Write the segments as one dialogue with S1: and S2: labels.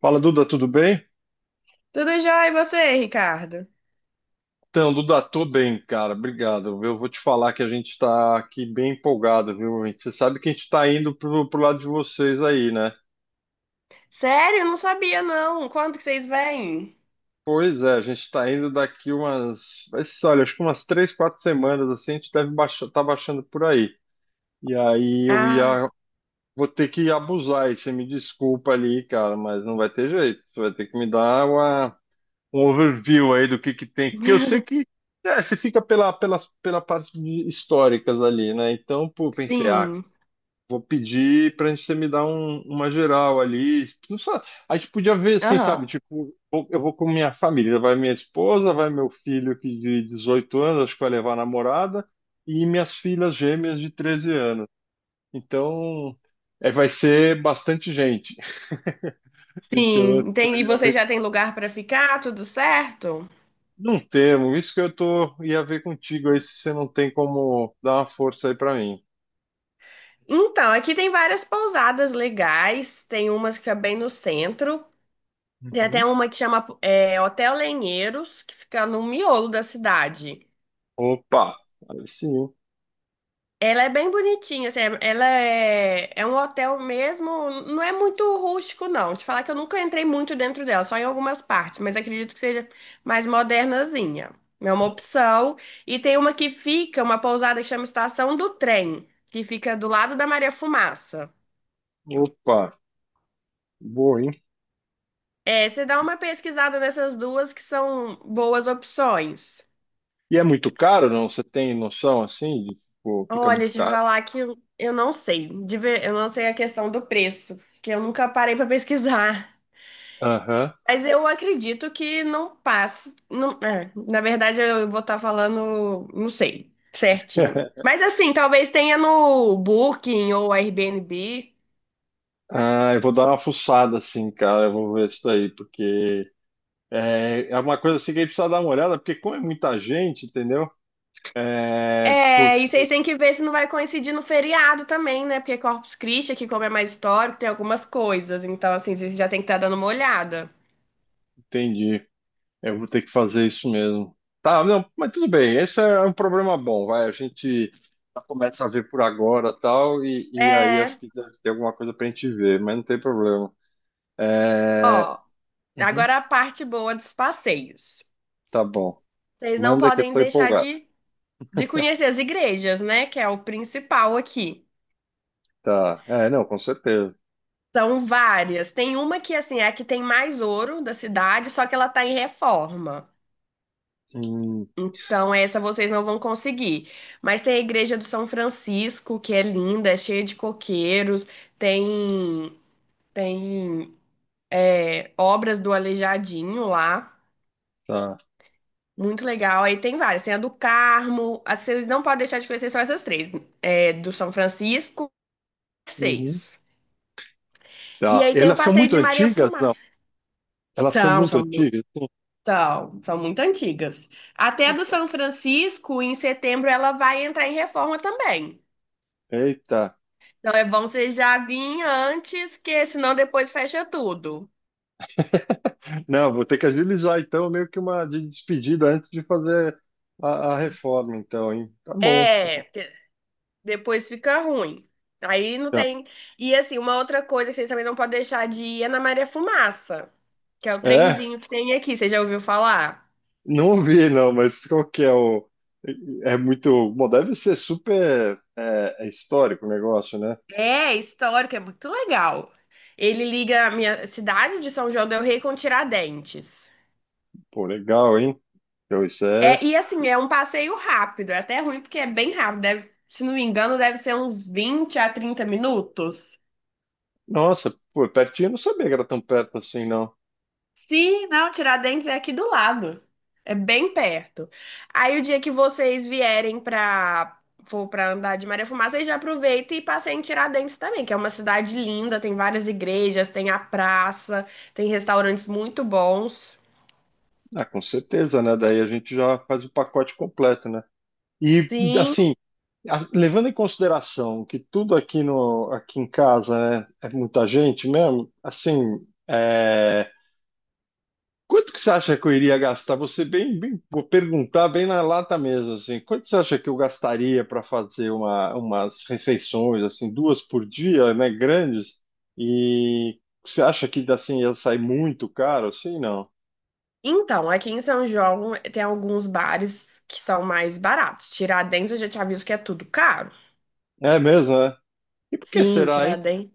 S1: Fala, Duda, tudo bem?
S2: Tudo jóia, e você, Ricardo?
S1: Então, Duda, tô bem, cara, obrigado. Eu vou te falar que a gente tá aqui bem empolgado, viu? Gente? Você sabe que a gente tá indo pro lado de vocês aí, né?
S2: Sério? Eu não sabia, não. Quando que vocês vêm?
S1: Pois é, a gente tá indo daqui umas, vai ser, olha, acho que umas três, quatro semanas, assim, a gente deve baixar, tá baixando por aí. E aí eu
S2: Ah,
S1: ia, vou ter que abusar, e você me desculpa ali, cara, mas não vai ter jeito. Você vai ter que me dar uma um overview aí do que tem, porque eu sei que você fica pela parte de históricas ali, né? Então, pô, pensei,
S2: sim.
S1: vou pedir pra gente você me dar uma geral ali. Não sabe, a gente podia ver assim, sabe?
S2: Aham.
S1: Tipo, eu vou com minha família, vai minha esposa, vai meu filho que de 18 anos, acho que vai levar a namorada, e minhas filhas gêmeas de 13 anos. Então, vai ser bastante gente. Então,
S2: Sim, entendi. E
S1: eu ia
S2: vocês já têm lugar para ficar? Tudo certo?
S1: não temo, isso que eu tô ia ver contigo aí se você não tem como dar uma força aí pra mim.
S2: Então, aqui tem várias pousadas legais. Tem umas que é bem no centro. Tem até
S1: Uhum.
S2: uma que chama Hotel Lenheiros, que fica no miolo da cidade.
S1: Opa, aí sim.
S2: Ela é bem bonitinha, assim, ela é um hotel mesmo, não é muito rústico, não. Te falar que eu nunca entrei muito dentro dela, só em algumas partes, mas acredito que seja mais modernazinha. É uma opção. E tem uma pousada que chama Estação do Trem, que fica do lado da Maria Fumaça.
S1: Opa, boa, hein?
S2: É, você dá uma pesquisada nessas duas que são boas opções.
S1: E é muito caro, não? Você tem noção assim de tipo, fica
S2: Olha,
S1: muito
S2: te
S1: caro?
S2: falar que eu não sei, eu não sei a questão do preço, que eu nunca parei pra pesquisar.
S1: Aham.
S2: Mas eu acredito que não passe. Não, é, na verdade, eu vou estar falando, não sei, certinho. Mas assim, talvez tenha no Booking ou Airbnb.
S1: Ah, eu vou dar uma fuçada assim, cara. Eu vou ver isso daí, porque é uma coisa assim que a gente precisa dar uma olhada, porque como é muita gente, entendeu? É
S2: É, e
S1: Porque
S2: vocês têm que ver se não vai coincidir no feriado também, né? Porque Corpus Christi, que como é mais histórico, tem algumas coisas. Então, assim, vocês já tem que estar dando uma olhada.
S1: entendi. Eu vou ter que fazer isso mesmo. Tá, não, mas tudo bem. Esse é um problema bom, vai. A gente já começa a ver por agora tal, e aí acho
S2: É,
S1: que deve ter alguma coisa pra gente ver, mas não tem problema. É...
S2: ó,
S1: uhum,
S2: agora a parte boa dos passeios.
S1: tá bom.
S2: Vocês não
S1: Manda que eu
S2: podem
S1: tô
S2: deixar
S1: empolgado.
S2: de conhecer as igrejas, né? Que é o principal aqui.
S1: Tá. É, não, com certeza.
S2: São várias. Tem uma que, assim, é a que tem mais ouro da cidade, só que ela tá em reforma.
S1: Hum,
S2: Então, essa vocês não vão conseguir. Mas tem a Igreja do São Francisco, que é linda, é cheia de coqueiros. Tem, tem obras do Aleijadinho lá.
S1: tá.
S2: Muito legal. Aí tem várias. Tem a do Carmo. As que vocês não podem deixar de conhecer só essas três. É, do São Francisco,
S1: Uhum.
S2: seis. E
S1: Tá.
S2: aí tem o
S1: Elas são
S2: Passeio
S1: muito
S2: de Maria
S1: antigas?
S2: Fumá.
S1: Não. Elas são
S2: São,
S1: muito
S2: são
S1: antigas? Sim.
S2: são muito antigas. Até a do
S1: Opa.
S2: São Francisco, em setembro, ela vai entrar em reforma também.
S1: Eita.
S2: Então é bom você já vir antes, que senão depois fecha tudo.
S1: Não, vou ter que agilizar então, meio que uma de despedida antes de fazer a reforma, então, hein? Tá bom, tá bom.
S2: É, que depois fica ruim. Aí não
S1: Tá.
S2: tem. E assim, uma outra coisa que vocês também não podem deixar de ir é na Maria Fumaça, que é o
S1: É,
S2: trenzinho que tem aqui. Você já ouviu falar?
S1: não ouvi, não, mas qual que é o. É muito. Bom, deve ser super é histórico o negócio, né?
S2: É histórico, é muito legal. Ele liga a minha cidade de São João del Rei com Tiradentes.
S1: Pô, legal, hein? Então, isso é.
S2: É, e assim, é um passeio rápido, é até ruim porque é bem rápido, se não me engano, deve ser uns 20 a 30 minutos.
S1: Nossa, pô, pertinho, eu não sabia que era tão perto assim, não.
S2: Sim, não, Tiradentes é aqui do lado. É bem perto. Aí o dia que vocês vierem pra for para andar de Maria Fumaça, aí já aproveita e passeia em Tiradentes também, que é uma cidade linda, tem várias igrejas, tem a praça, tem restaurantes muito bons.
S1: Ah, com certeza, né? Daí a gente já faz o pacote completo, né? E,
S2: Sim.
S1: assim, levando em consideração que tudo aqui no aqui em casa, né, é muita gente mesmo, assim, quanto que você acha que eu iria gastar? Você vou perguntar bem na lata mesmo, assim, quanto você acha que eu gastaria para fazer umas refeições assim, duas por dia, né, grandes? E você acha que assim ia sair muito caro, assim, não?
S2: Então, aqui em São João tem alguns bares que são mais baratos. Tiradentes, eu já te aviso que é tudo caro.
S1: É mesmo, né? E por que
S2: Sim,
S1: será, hein?
S2: Tiradentes.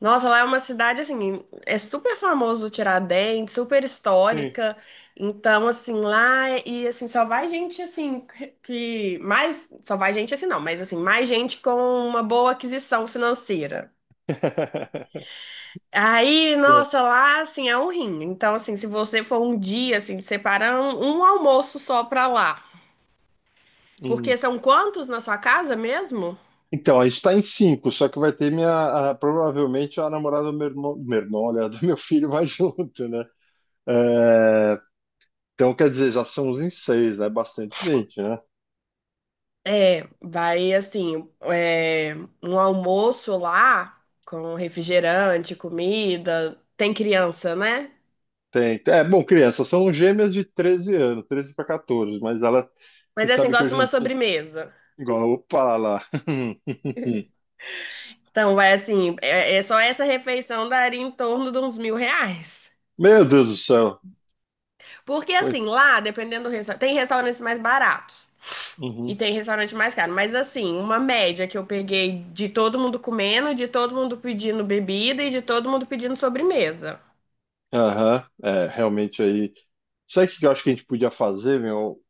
S2: Nossa, lá é uma cidade assim, é super famoso o Tiradentes, super
S1: Sim.
S2: histórica. Então, assim, e assim, só vai gente assim que mais, só vai gente assim não, mas assim, mais gente com uma boa aquisição financeira. Aí, nossa, lá assim é um rim. Então, assim, se você for um dia assim, separa um almoço só pra lá.
S1: Hum.
S2: Porque são quantos na sua casa mesmo?
S1: Então, a gente tá em cinco, só que vai ter minha. Provavelmente a namorada do meu irmão. Meu irmão, olha, do meu filho vai junto, né? É, então, quer dizer, já são uns em seis, né? Bastante gente, né?
S2: É, vai assim, um almoço lá com refrigerante, comida. Tem criança, né?
S1: Tem. É, bom, crianças são gêmeas de 13 anos, 13 para 14, mas ela. Você
S2: Mas é assim,
S1: sabe que
S2: gosta de
S1: hoje
S2: uma
S1: em dia.
S2: sobremesa.
S1: Igual, opa lá.
S2: Então, vai assim, só essa refeição daria em torno de uns 1.000 reais.
S1: Meu Deus do céu.
S2: Porque
S1: Oi.
S2: assim, lá, dependendo do restaurante, tem restaurantes mais baratos e
S1: Uhum.
S2: tem restaurante mais caro. Mas assim, uma média que eu peguei de todo mundo comendo, de todo mundo pedindo bebida e de todo mundo pedindo sobremesa.
S1: Aham. É, realmente aí. Sabe o que eu acho que a gente podia fazer, meu?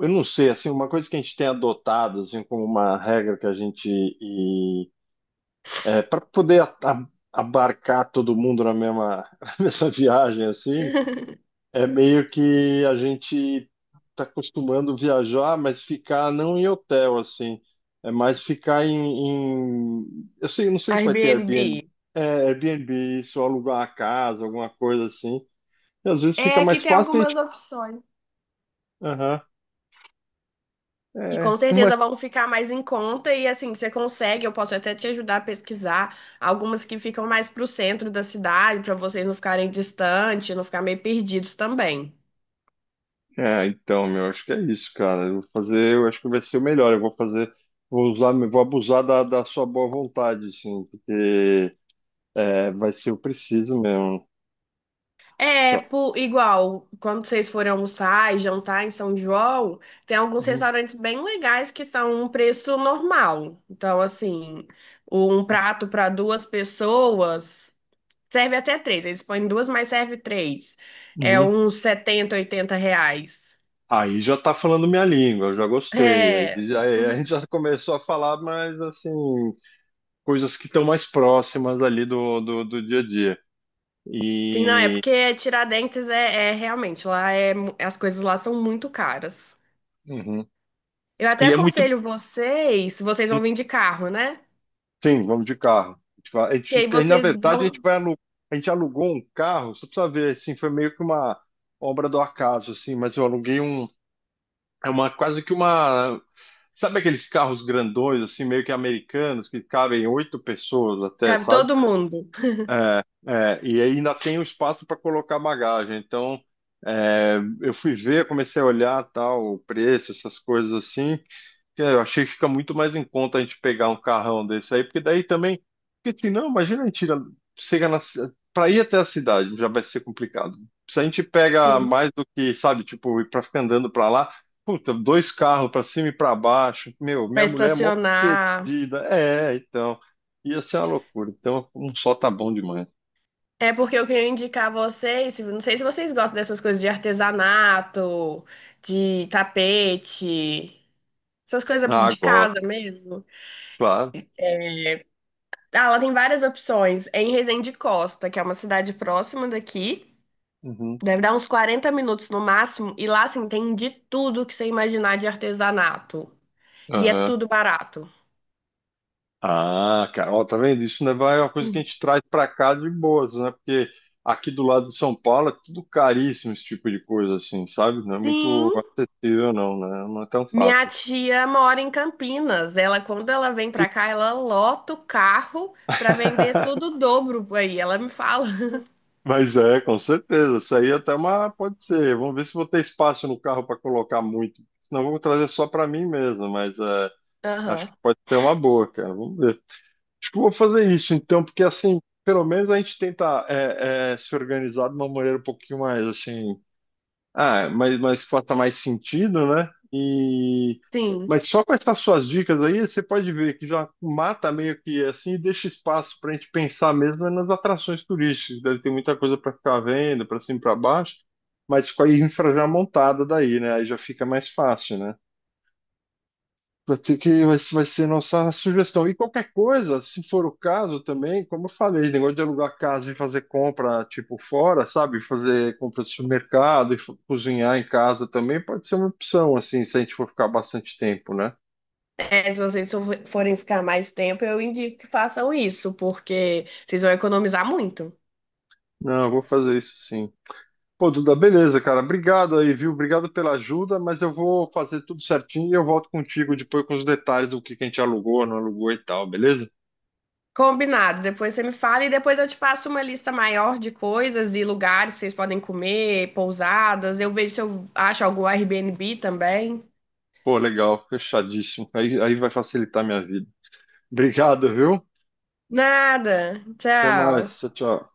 S1: Eu não sei, assim, uma coisa que a gente tem adotado, assim, como uma regra que é, para poder abarcar todo mundo na mesma, na mesma viagem, assim, é meio que a gente está acostumando viajar, mas ficar não em hotel, assim, é mais ficar eu sei, não sei se vai ter
S2: Airbnb,
S1: Airbnb, é, Airbnb, isso, alugar a casa, alguma coisa assim, e às vezes
S2: é,
S1: fica
S2: aqui
S1: mais
S2: tem
S1: fácil a gente,
S2: algumas opções.
S1: aham.
S2: Que
S1: É,
S2: com
S1: uma
S2: certeza vão ficar mais em conta e assim, você consegue, eu posso até te ajudar a pesquisar algumas que ficam mais pro centro da cidade, para vocês não ficarem distantes, não ficar meio perdidos também.
S1: É, então, meu, acho que é isso, cara. Eu vou fazer, eu acho que vai ser o melhor. Eu vou fazer, vou usar, vou abusar da sua boa vontade, assim, porque vai ser o preciso mesmo.
S2: É,
S1: Tá.
S2: igual, quando vocês forem almoçar e jantar em São João, tem alguns
S1: Uhum.
S2: restaurantes bem legais que são um preço normal. Então, assim, um prato para duas pessoas serve até três. Eles põem duas, mas serve três. É
S1: Uhum.
S2: uns 70, 80 reais.
S1: Aí já tá falando minha língua, eu já gostei. Aí
S2: É.
S1: já, é, a
S2: Uhum.
S1: gente já começou a falar, mas assim, coisas que estão mais próximas ali do dia a dia.
S2: Sim, não, é
S1: E,
S2: porque Tiradentes é realmente, lá é, as coisas lá são muito caras.
S1: uhum,
S2: Eu até
S1: e é muito.
S2: aconselho vocês vão vir de carro, né?
S1: Sim, vamos de carro. A gente, vai- a
S2: Que
S1: gente-
S2: aí
S1: Aí, na
S2: vocês
S1: verdade,
S2: vão,
S1: a gente alugou um carro, só precisa ver, assim, foi meio que uma obra do acaso, assim, mas eu aluguei um, é uma quase que uma, sabe aqueles carros grandões, assim, meio que americanos, que cabem oito pessoas até,
S2: cabe
S1: sabe?
S2: todo mundo.
S1: É, é, e aí ainda tem o espaço para colocar bagagem. Então, eu fui ver, comecei a olhar tal, o preço, essas coisas assim. Que eu achei que fica muito mais em conta a gente pegar um carrão desse aí, porque daí também. Porque assim, não, imagina a gente ir- chega na. Para ir até a cidade já vai ser complicado. Se a gente pega
S2: Sim.
S1: mais do que, sabe, tipo, para ficar andando para lá, puta, dois carros para cima e para baixo. Meu,
S2: Pra
S1: minha mulher é mó
S2: estacionar.
S1: perdida. É, então. Ia ser uma loucura. Então, um só tá bom demais.
S2: É porque eu queria indicar a vocês, não sei se vocês gostam dessas coisas de artesanato, de tapete, essas coisas
S1: Ah,
S2: de
S1: gosto,
S2: casa mesmo.
S1: claro.
S2: Ah, ela tem várias opções. É em Resende Costa, que é uma cidade próxima daqui.
S1: Uhum.
S2: Deve dar uns 40 minutos no máximo. E lá, assim, tem de tudo que você imaginar de artesanato. E é
S1: Aham.
S2: tudo barato.
S1: Ah, cara, ó, tá vendo? Isso né, é uma coisa que a gente traz pra cá de boas, né? Porque aqui do lado de São Paulo é tudo caríssimo, esse tipo de coisa, assim, sabe? Não é muito
S2: Sim,
S1: acessível, não, né? Não é tão
S2: minha
S1: fácil.
S2: tia mora em Campinas. Ela, quando ela vem pra cá, ela lota o carro pra vender tudo o dobro aí. Ela me fala.
S1: Mas é, com certeza. Isso aí até uma. Pode ser. Vamos ver se vou ter espaço no carro para colocar muito. Senão eu vou trazer só para mim mesmo, mas acho que
S2: Aham.
S1: pode ser uma boa, cara. Vamos ver. Acho que eu vou fazer isso então, porque assim, pelo menos a gente tenta se organizar de uma maneira um pouquinho mais assim. Ah, mas faça mais sentido, né? E
S2: Sim.
S1: mas só com essas suas dicas aí, você pode ver que já mata meio que assim e deixa espaço para a gente pensar mesmo nas atrações turísticas. Deve ter muita coisa para ficar vendo, para cima e para baixo, mas com a infra já montada daí, né? Aí já fica mais fácil, né? Vai ter que, vai, vai ser nossa sugestão. E qualquer coisa, se for o caso também, como eu falei, negócio de alugar casa e fazer compra, tipo, fora, sabe? Fazer compra de supermercado e cozinhar em casa também pode ser uma opção, assim, se a gente for ficar bastante tempo, né?
S2: É, se vocês forem ficar mais tempo, eu indico que façam isso, porque vocês vão economizar muito.
S1: Não, eu vou fazer isso sim. Pô, Duda, beleza, cara. Obrigado aí, viu? Obrigado pela ajuda, mas eu vou fazer tudo certinho e eu volto contigo depois com os detalhes do que a gente alugou, não alugou e tal, beleza?
S2: Combinado, depois você me fala e depois eu te passo uma lista maior de coisas e lugares que vocês podem comer, pousadas. Eu vejo se eu acho algum Airbnb também.
S1: Pô, legal, fechadíssimo. Aí vai facilitar a minha vida. Obrigado, viu?
S2: Nada.
S1: Até mais.
S2: Tchau.
S1: Tchau, tchau.